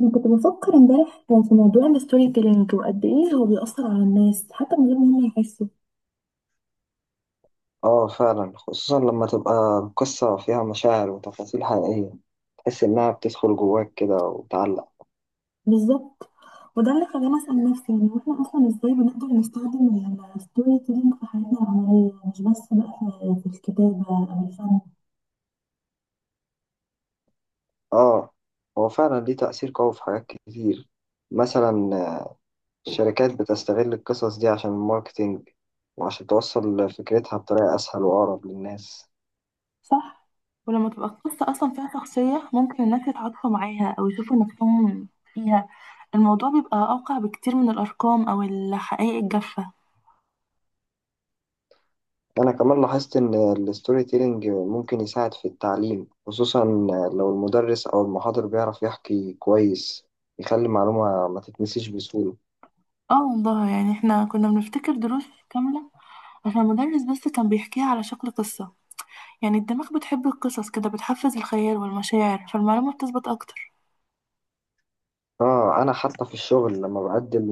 انا كنت بفكر امبارح في موضوع الستوري تيلينج وقد ايه هو بيأثر على الناس حتى من غير ما هم يحسوا. اه، فعلا، خصوصا لما تبقى القصة فيها مشاعر وتفاصيل حقيقية. تحس إنها بتدخل جواك كده وتعلق. بالظبط، وده اللي خلاني اسأل نفسي، يعني واحنا اصلا ازاي بنقدر نستخدم الستوري تيلينج في حياتنا العملية، مش بس بقى في الكتابة او الفن. اه، هو فعلا ليه تأثير قوي في حاجات كتير. مثلا الشركات بتستغل القصص دي عشان الماركتينج، وعشان توصل فكرتها بطريقة أسهل وأقرب للناس. صح، ولما تبقى القصة أصلا فيها شخصية ممكن الناس يتعاطفوا معاها أو يشوفوا نفسهم فيها، الموضوع بيبقى أوقع بكتير من الأرقام أو الحقائق الجافة. أنا كمان لاحظت إن الستوري تيلينج ممكن يساعد في التعليم، خصوصا لو المدرس أو المحاضر بيعرف يحكي كويس، يخلي المعلومة ما تتنسيش بسهولة. اه والله، يعني احنا كنا بنفتكر دروس كاملة فالمدرس بس كان بيحكيها على شكل قصة. يعني الدماغ بتحب القصص كده، بتحفز الخيال والمشاعر فالمعلومة بتثبت أكتر. اه، انا حتى في الشغل لما بقدم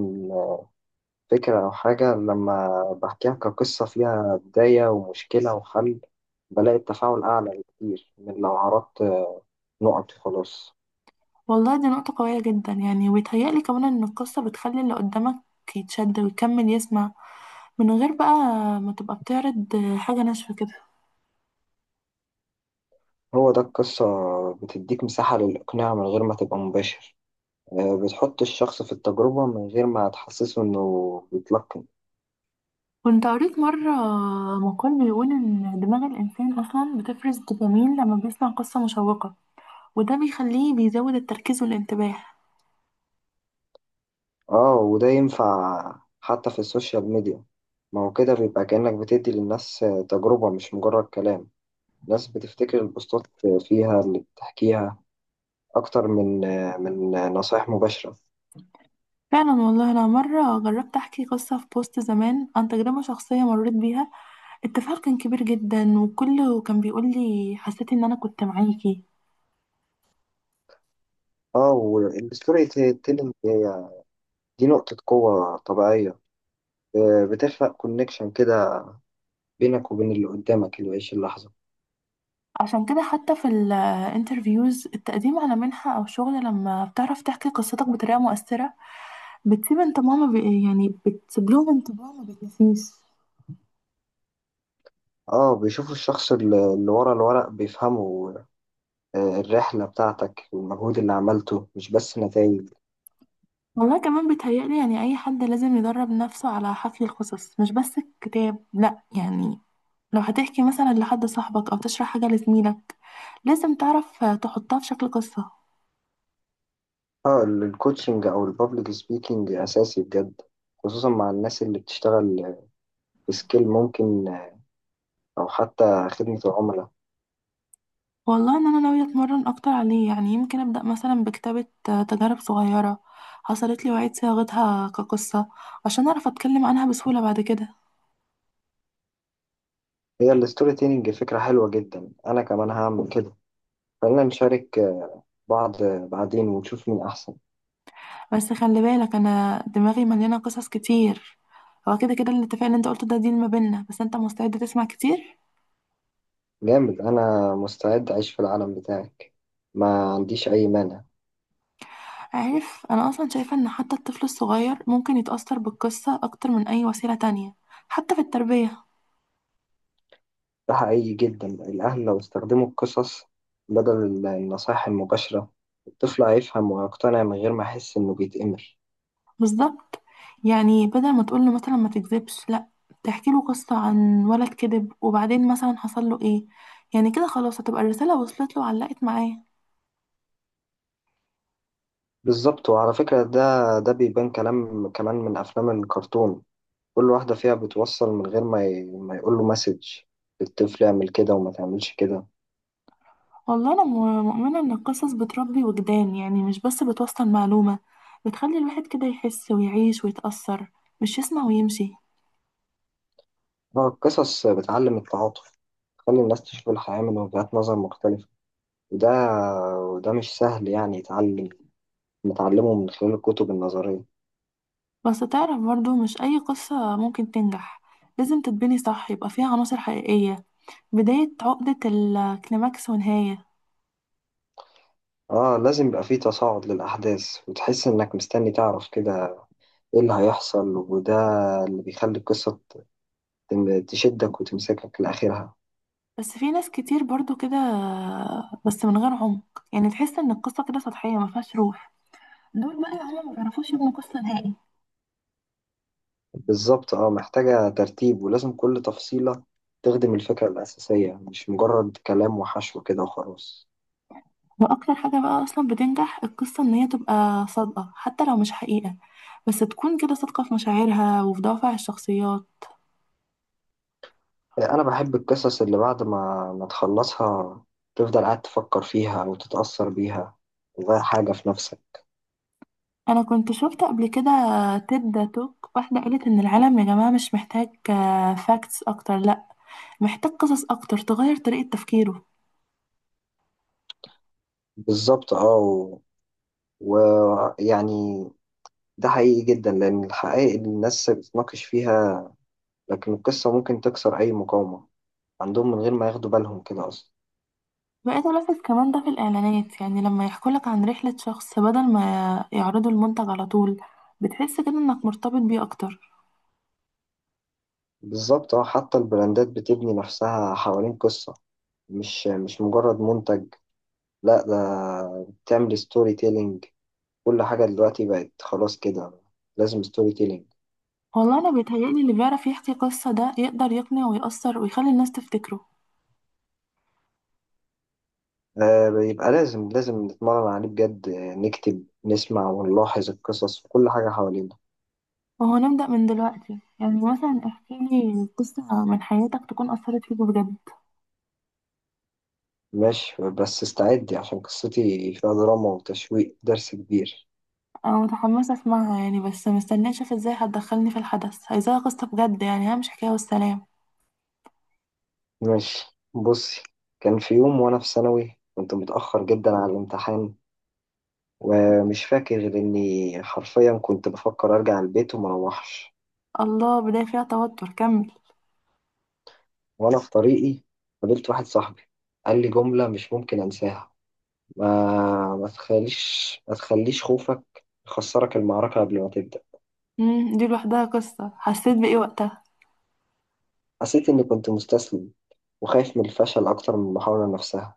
فكرة او حاجة، لما بحكيها كقصة فيها بداية ومشكلة وحل، بلاقي التفاعل اعلى بكتير من لو عرضت نقط وخلاص. والله دي نقطة قوية جدا، يعني ويتهيألي كمان إن القصة بتخلي اللي قدامك يتشد ويكمل يسمع، من غير بقى ما تبقى بتعرض حاجة ناشفة كده. هو ده القصة، بتديك مساحة للاقناع من غير ما تبقى مباشر. بتحط الشخص في التجربة من غير ما تحسسه انه بيتلقن. كنت قريت مرة مقال بيقول إن دماغ الإنسان أصلا بتفرز دوبامين لما بيسمع قصة مشوقة، وده بيخليه بيزود التركيز والانتباه. اه، وده ينفع حتى في السوشيال ميديا. ما هو كده بيبقى كأنك بتدي للناس تجربة مش مجرد كلام. ناس بتفتكر البوستات فيها اللي بتحكيها أكتر من نصائح مباشرة. فعلا والله، أنا مرة جربت أحكي قصة في بوست زمان عن تجربة شخصية مريت بيها، التفاعل كان كبير جدا وكله كان بيقول لي حسيت إن أنا كنت معاكي. اه، والستوري تيلينج هي دي نقطة قوة طبيعية. بتخلق كونكشن كده بينك وبين اللي قدامك اللي بيعيش اللحظة. عشان كده حتى في الانترفيوز، التقديم على منحة أو شغل، لما بتعرف تحكي قصتك بطريقة مؤثرة بتسيب انطباع ما بي... يعني بتسيب لهم انطباع ما بيتنسيش. اه، بيشوفوا الشخص اللي ورا الورق، بيفهموا الرحلة بتاعتك والمجهود اللي عملته مش بس نتائج. والله كمان بيتهيألي، يعني أي حد لازم يدرب نفسه على حكي القصص، مش بس الكتاب لأ، يعني لو هتحكي مثلا لحد صاحبك أو تشرح حاجة لزميلك، لازم تعرف تحطها في شكل قصة. اه، الكوتشنج أو البابليك سبيكينج أساسي بجد، خصوصا مع الناس اللي بتشتغل في سكيل ممكن، أو حتى خدمة العملاء. والله إن أنا ناوية أتمرن أكتر عليه، يعني يمكن أبدأ مثلا بكتابة تجارب صغيرة حصلت لي وعيد صياغتها كقصة، عشان أعرف أتكلم عنها بسهولة بعد كده. هي الستوري تيلينج فكرة حلوة جدا، أنا كمان هعمل كده. خلينا نشارك بعض بعدين ونشوف مين أحسن. بس خلي بالك، أنا دماغي مليانة قصص كتير. هو كده كده الاتفاق اللي انت قلته ده ديل ما بينا، بس انت مستعد تسمع كتير. جامد، أنا مستعد أعيش في العالم بتاعك، ما عنديش أي مانع. عارف، انا اصلا شايفة ان حتى الطفل الصغير ممكن يتأثر بالقصة اكتر من اي وسيلة تانية، حتى في التربية. ده حقيقي جدا. الأهل لو استخدموا القصص بدل النصائح المباشرة، الطفل هيفهم ويقتنع من غير ما يحس إنه بيتأمر. بالظبط، يعني بدل ما تقول له مثلا ما تكذبش، لا، تحكي له قصة عن ولد كذب وبعدين مثلا حصل له ايه. يعني كده خلاص هتبقى الرسالة وصلت له وعلقت معاه. بالظبط. وعلى فكرة، ده بيبان كلام كمان من أفلام الكرتون، كل واحدة فيها بتوصل من غير ما ما يقول له مسج الطفل اعمل كده وما تعملش كده. والله انا مؤمنة ان القصص بتربي وجدان، يعني مش بس بتوصل معلومة، بتخلي الواحد كده يحس ويعيش ويتأثر، مش يسمع ويمشي. هو القصص بتعلم التعاطف، تخلي الناس تشوف الحياة من وجهات نظر مختلفة، وده وده مش سهل يعني يتعلم، نتعلمه من خلال الكتب النظرية. بس تعرف برضو مش اي قصة ممكن تنجح، لازم تتبني صح، يبقى فيها عناصر حقيقية، بداية، عقدة، الكليماكس ونهاية. اه، لازم يبقى فيه تصاعد للأحداث، وتحس إنك مستني تعرف كده إيه اللي هيحصل، وده اللي بيخلي القصة تشدك وتمسكك لآخرها. بس في ناس كتير برضو كده، بس من غير عمق، يعني تحس ان القصه كده سطحيه ما فيهاش روح. دول بقى هما ما بيعرفوش يبنوا قصه نهائي. بالظبط. اه، محتاجة ترتيب، ولازم كل تفصيلة تخدم الفكرة الأساسية، مش مجرد كلام وحشو كده وخلاص. واكتر حاجه بقى اصلا بتنجح القصه ان هي تبقى صادقه، حتى لو مش حقيقه، بس تكون كده صادقه في مشاعرها وفي دوافع الشخصيات. انا بحب القصص اللي بعد ما تخلصها تفضل قاعد تفكر فيها او تتأثر بيها، تغير حاجة في نفسك. انا كنت شفت قبل كده تيد توك، واحده قالت ان العالم يا جماعه مش محتاج فاكتس اكتر، لا، محتاج قصص اكتر تغير طريقه تفكيره. بالظبط. ويعني ده حقيقي جدا، لان الحقائق اللي الناس بتناقش فيها، لكن القصة ممكن تكسر اي مقاومة عندهم من غير ما ياخدوا بالهم كده اصلا. بقيت ألاحظ كمان ده في الإعلانات، يعني لما يحكوا لك عن رحلة شخص بدل ما يعرضوا المنتج على طول، بتحس كده إنك مرتبط بيه أكتر. بالظبط. اه، حتى البراندات بتبني نفسها حوالين قصة، مش مجرد منتج. لا، ده بتعمل ستوري تيلينج. كل حاجة دلوقتي بقت خلاص كده لازم ستوري تيلينج. والله أنا بيتهيألي اللي بيعرف يحكي قصة ده يقدر يقنع ويأثر ويخلي الناس تفتكره. يبقى لازم نتمرن عليه بجد، نكتب، نسمع ونلاحظ القصص وكل حاجة حوالينا. وهو نبدأ من دلوقتي، يعني مثلا احكيلي قصة من حياتك تكون أثرت فيك بجد. ماشي، بس استعدي، عشان قصتي فيها دراما وتشويق درس كبير. أنا متحمسة أسمعها، يعني بس مستنية أشوف إزاي هتدخلني في الحدث، عايزاها قصة بجد يعني، ها، مش حكاية والسلام. ماشي، بصي. كان في يوم وأنا في ثانوي، كنت متأخر جدا على الامتحان، ومش فاكر غير إني حرفيا كنت بفكر أرجع البيت ومروحش. الله، بداية فيها توتر، كمل. وأنا في طريقي، قابلت واحد صاحبي، قال لي جملة مش ممكن أنساها: ما تخليش خوفك يخسرك المعركة قبل ما تبدأ. مم، دي لوحدها قصة، حسيت بإيه وقتها؟ حسيت إني كنت مستسلم، وخايف من الفشل أكتر من المحاولة نفسها.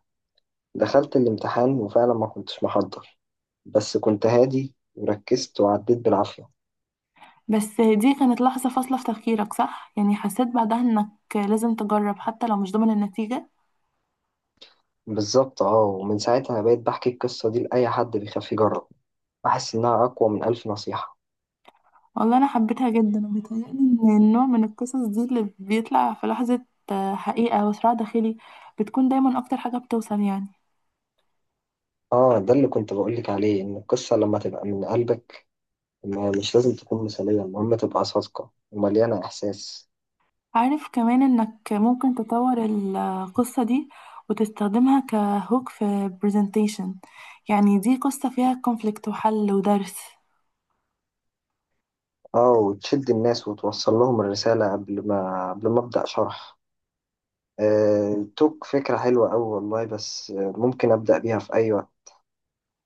دخلت الامتحان وفعلا ما كنتش محضر، بس كنت هادي وركزت وعديت بالعافية. بس دي كانت لحظة فاصلة في تفكيرك صح؟ يعني حسيت بعدها انك لازم تجرب حتى لو مش ضامن النتيجة. بالظبط. اه، ومن ساعتها بقيت بحكي القصة دي لأي حد بيخاف يجرب، بحس إنها أقوى من ألف نصيحة. والله انا حبيتها جدا، وبيتهيألي ان النوع من القصص دي اللي بيطلع في لحظة حقيقة وصراع داخلي، بتكون دايما اكتر حاجة بتوصل يعني. اه، ده اللي كنت بقولك عليه، إن القصة لما تبقى من قلبك، مش لازم تكون مثالية، المهم تبقى صادقة ومليانة إحساس. عارف كمان انك ممكن تطور القصة دي وتستخدمها كهوك في برزنتيشن، يعني دي قصة فيها كونفليكت وحل ودرس. اه، وتشد الناس وتوصل لهم الرسالة قبل ما أبدأ شرح. توك فكرة حلوة أوي والله، بس ممكن أبدأ بيها في أي وقت.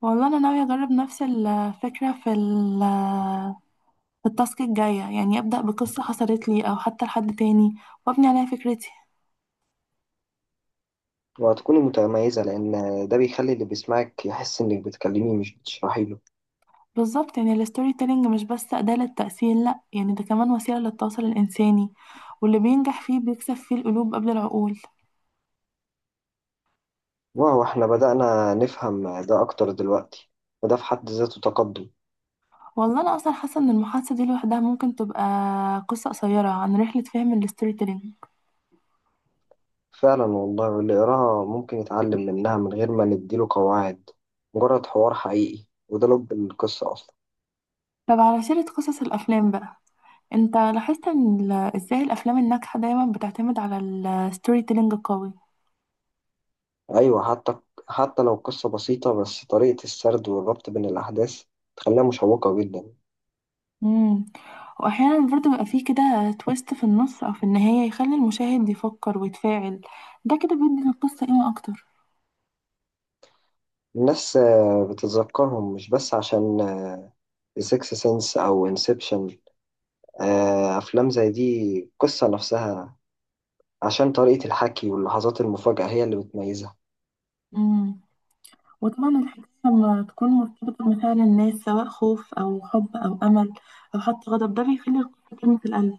والله انا ناوية اجرب نفس الفكرة في التاسك الجاية، يعني أبدأ بقصة حصلت لي أو حتى لحد تاني وأبني عليها فكرتي. وهتكوني متميزة، لأن ده بيخلي اللي بيسمعك يحس إنك بتكلميه مش بتشرحي له. بالظبط، يعني الستوري تيلينج مش بس أداة للتأثير، لأ، يعني ده كمان وسيلة للتواصل الإنساني، واللي بينجح فيه بيكسب فيه القلوب قبل العقول. واو، إحنا بدأنا نفهم ده أكتر دلوقتي، وده في حد ذاته تقدم. والله أنا أصلا حاسة إن المحادثة دي لوحدها ممكن تبقى قصة قصيرة عن رحلة فهم الستوري تيلينج. فعلا والله، واللي يقراها ممكن يتعلم منها من غير ما نديله قواعد، مجرد حوار حقيقي، وده لب القصة أصلا. طب على سيرة قصص الأفلام بقى، أنت لاحظت إزاي الأفلام الناجحة دايما بتعتمد على الستوري تيلينج القوي؟ أيوة. حتى لو قصة بسيطة، بس طريقة السرد والربط بين الأحداث تخليها مشوقة جدا. مم. واحيانا برضه بيبقى فيه كده تويست في النص او في النهايه يخلي المشاهد يفكر ويتفاعل، ده كده بيدي للقصه قيمه اكتر. الناس بتتذكرهم مش بس عشان سيكس سنس أو انسبشن. أفلام زي دي قصة نفسها، عشان طريقة الحكي واللحظات المفاجئة هي اللي بتميزها. مم. وطبعا الحكايه لما تكون مرتبطه بمشاعر الناس، سواء خوف او حب او امل او حتى غضب، ده بيخلي القصه كلمه القلب.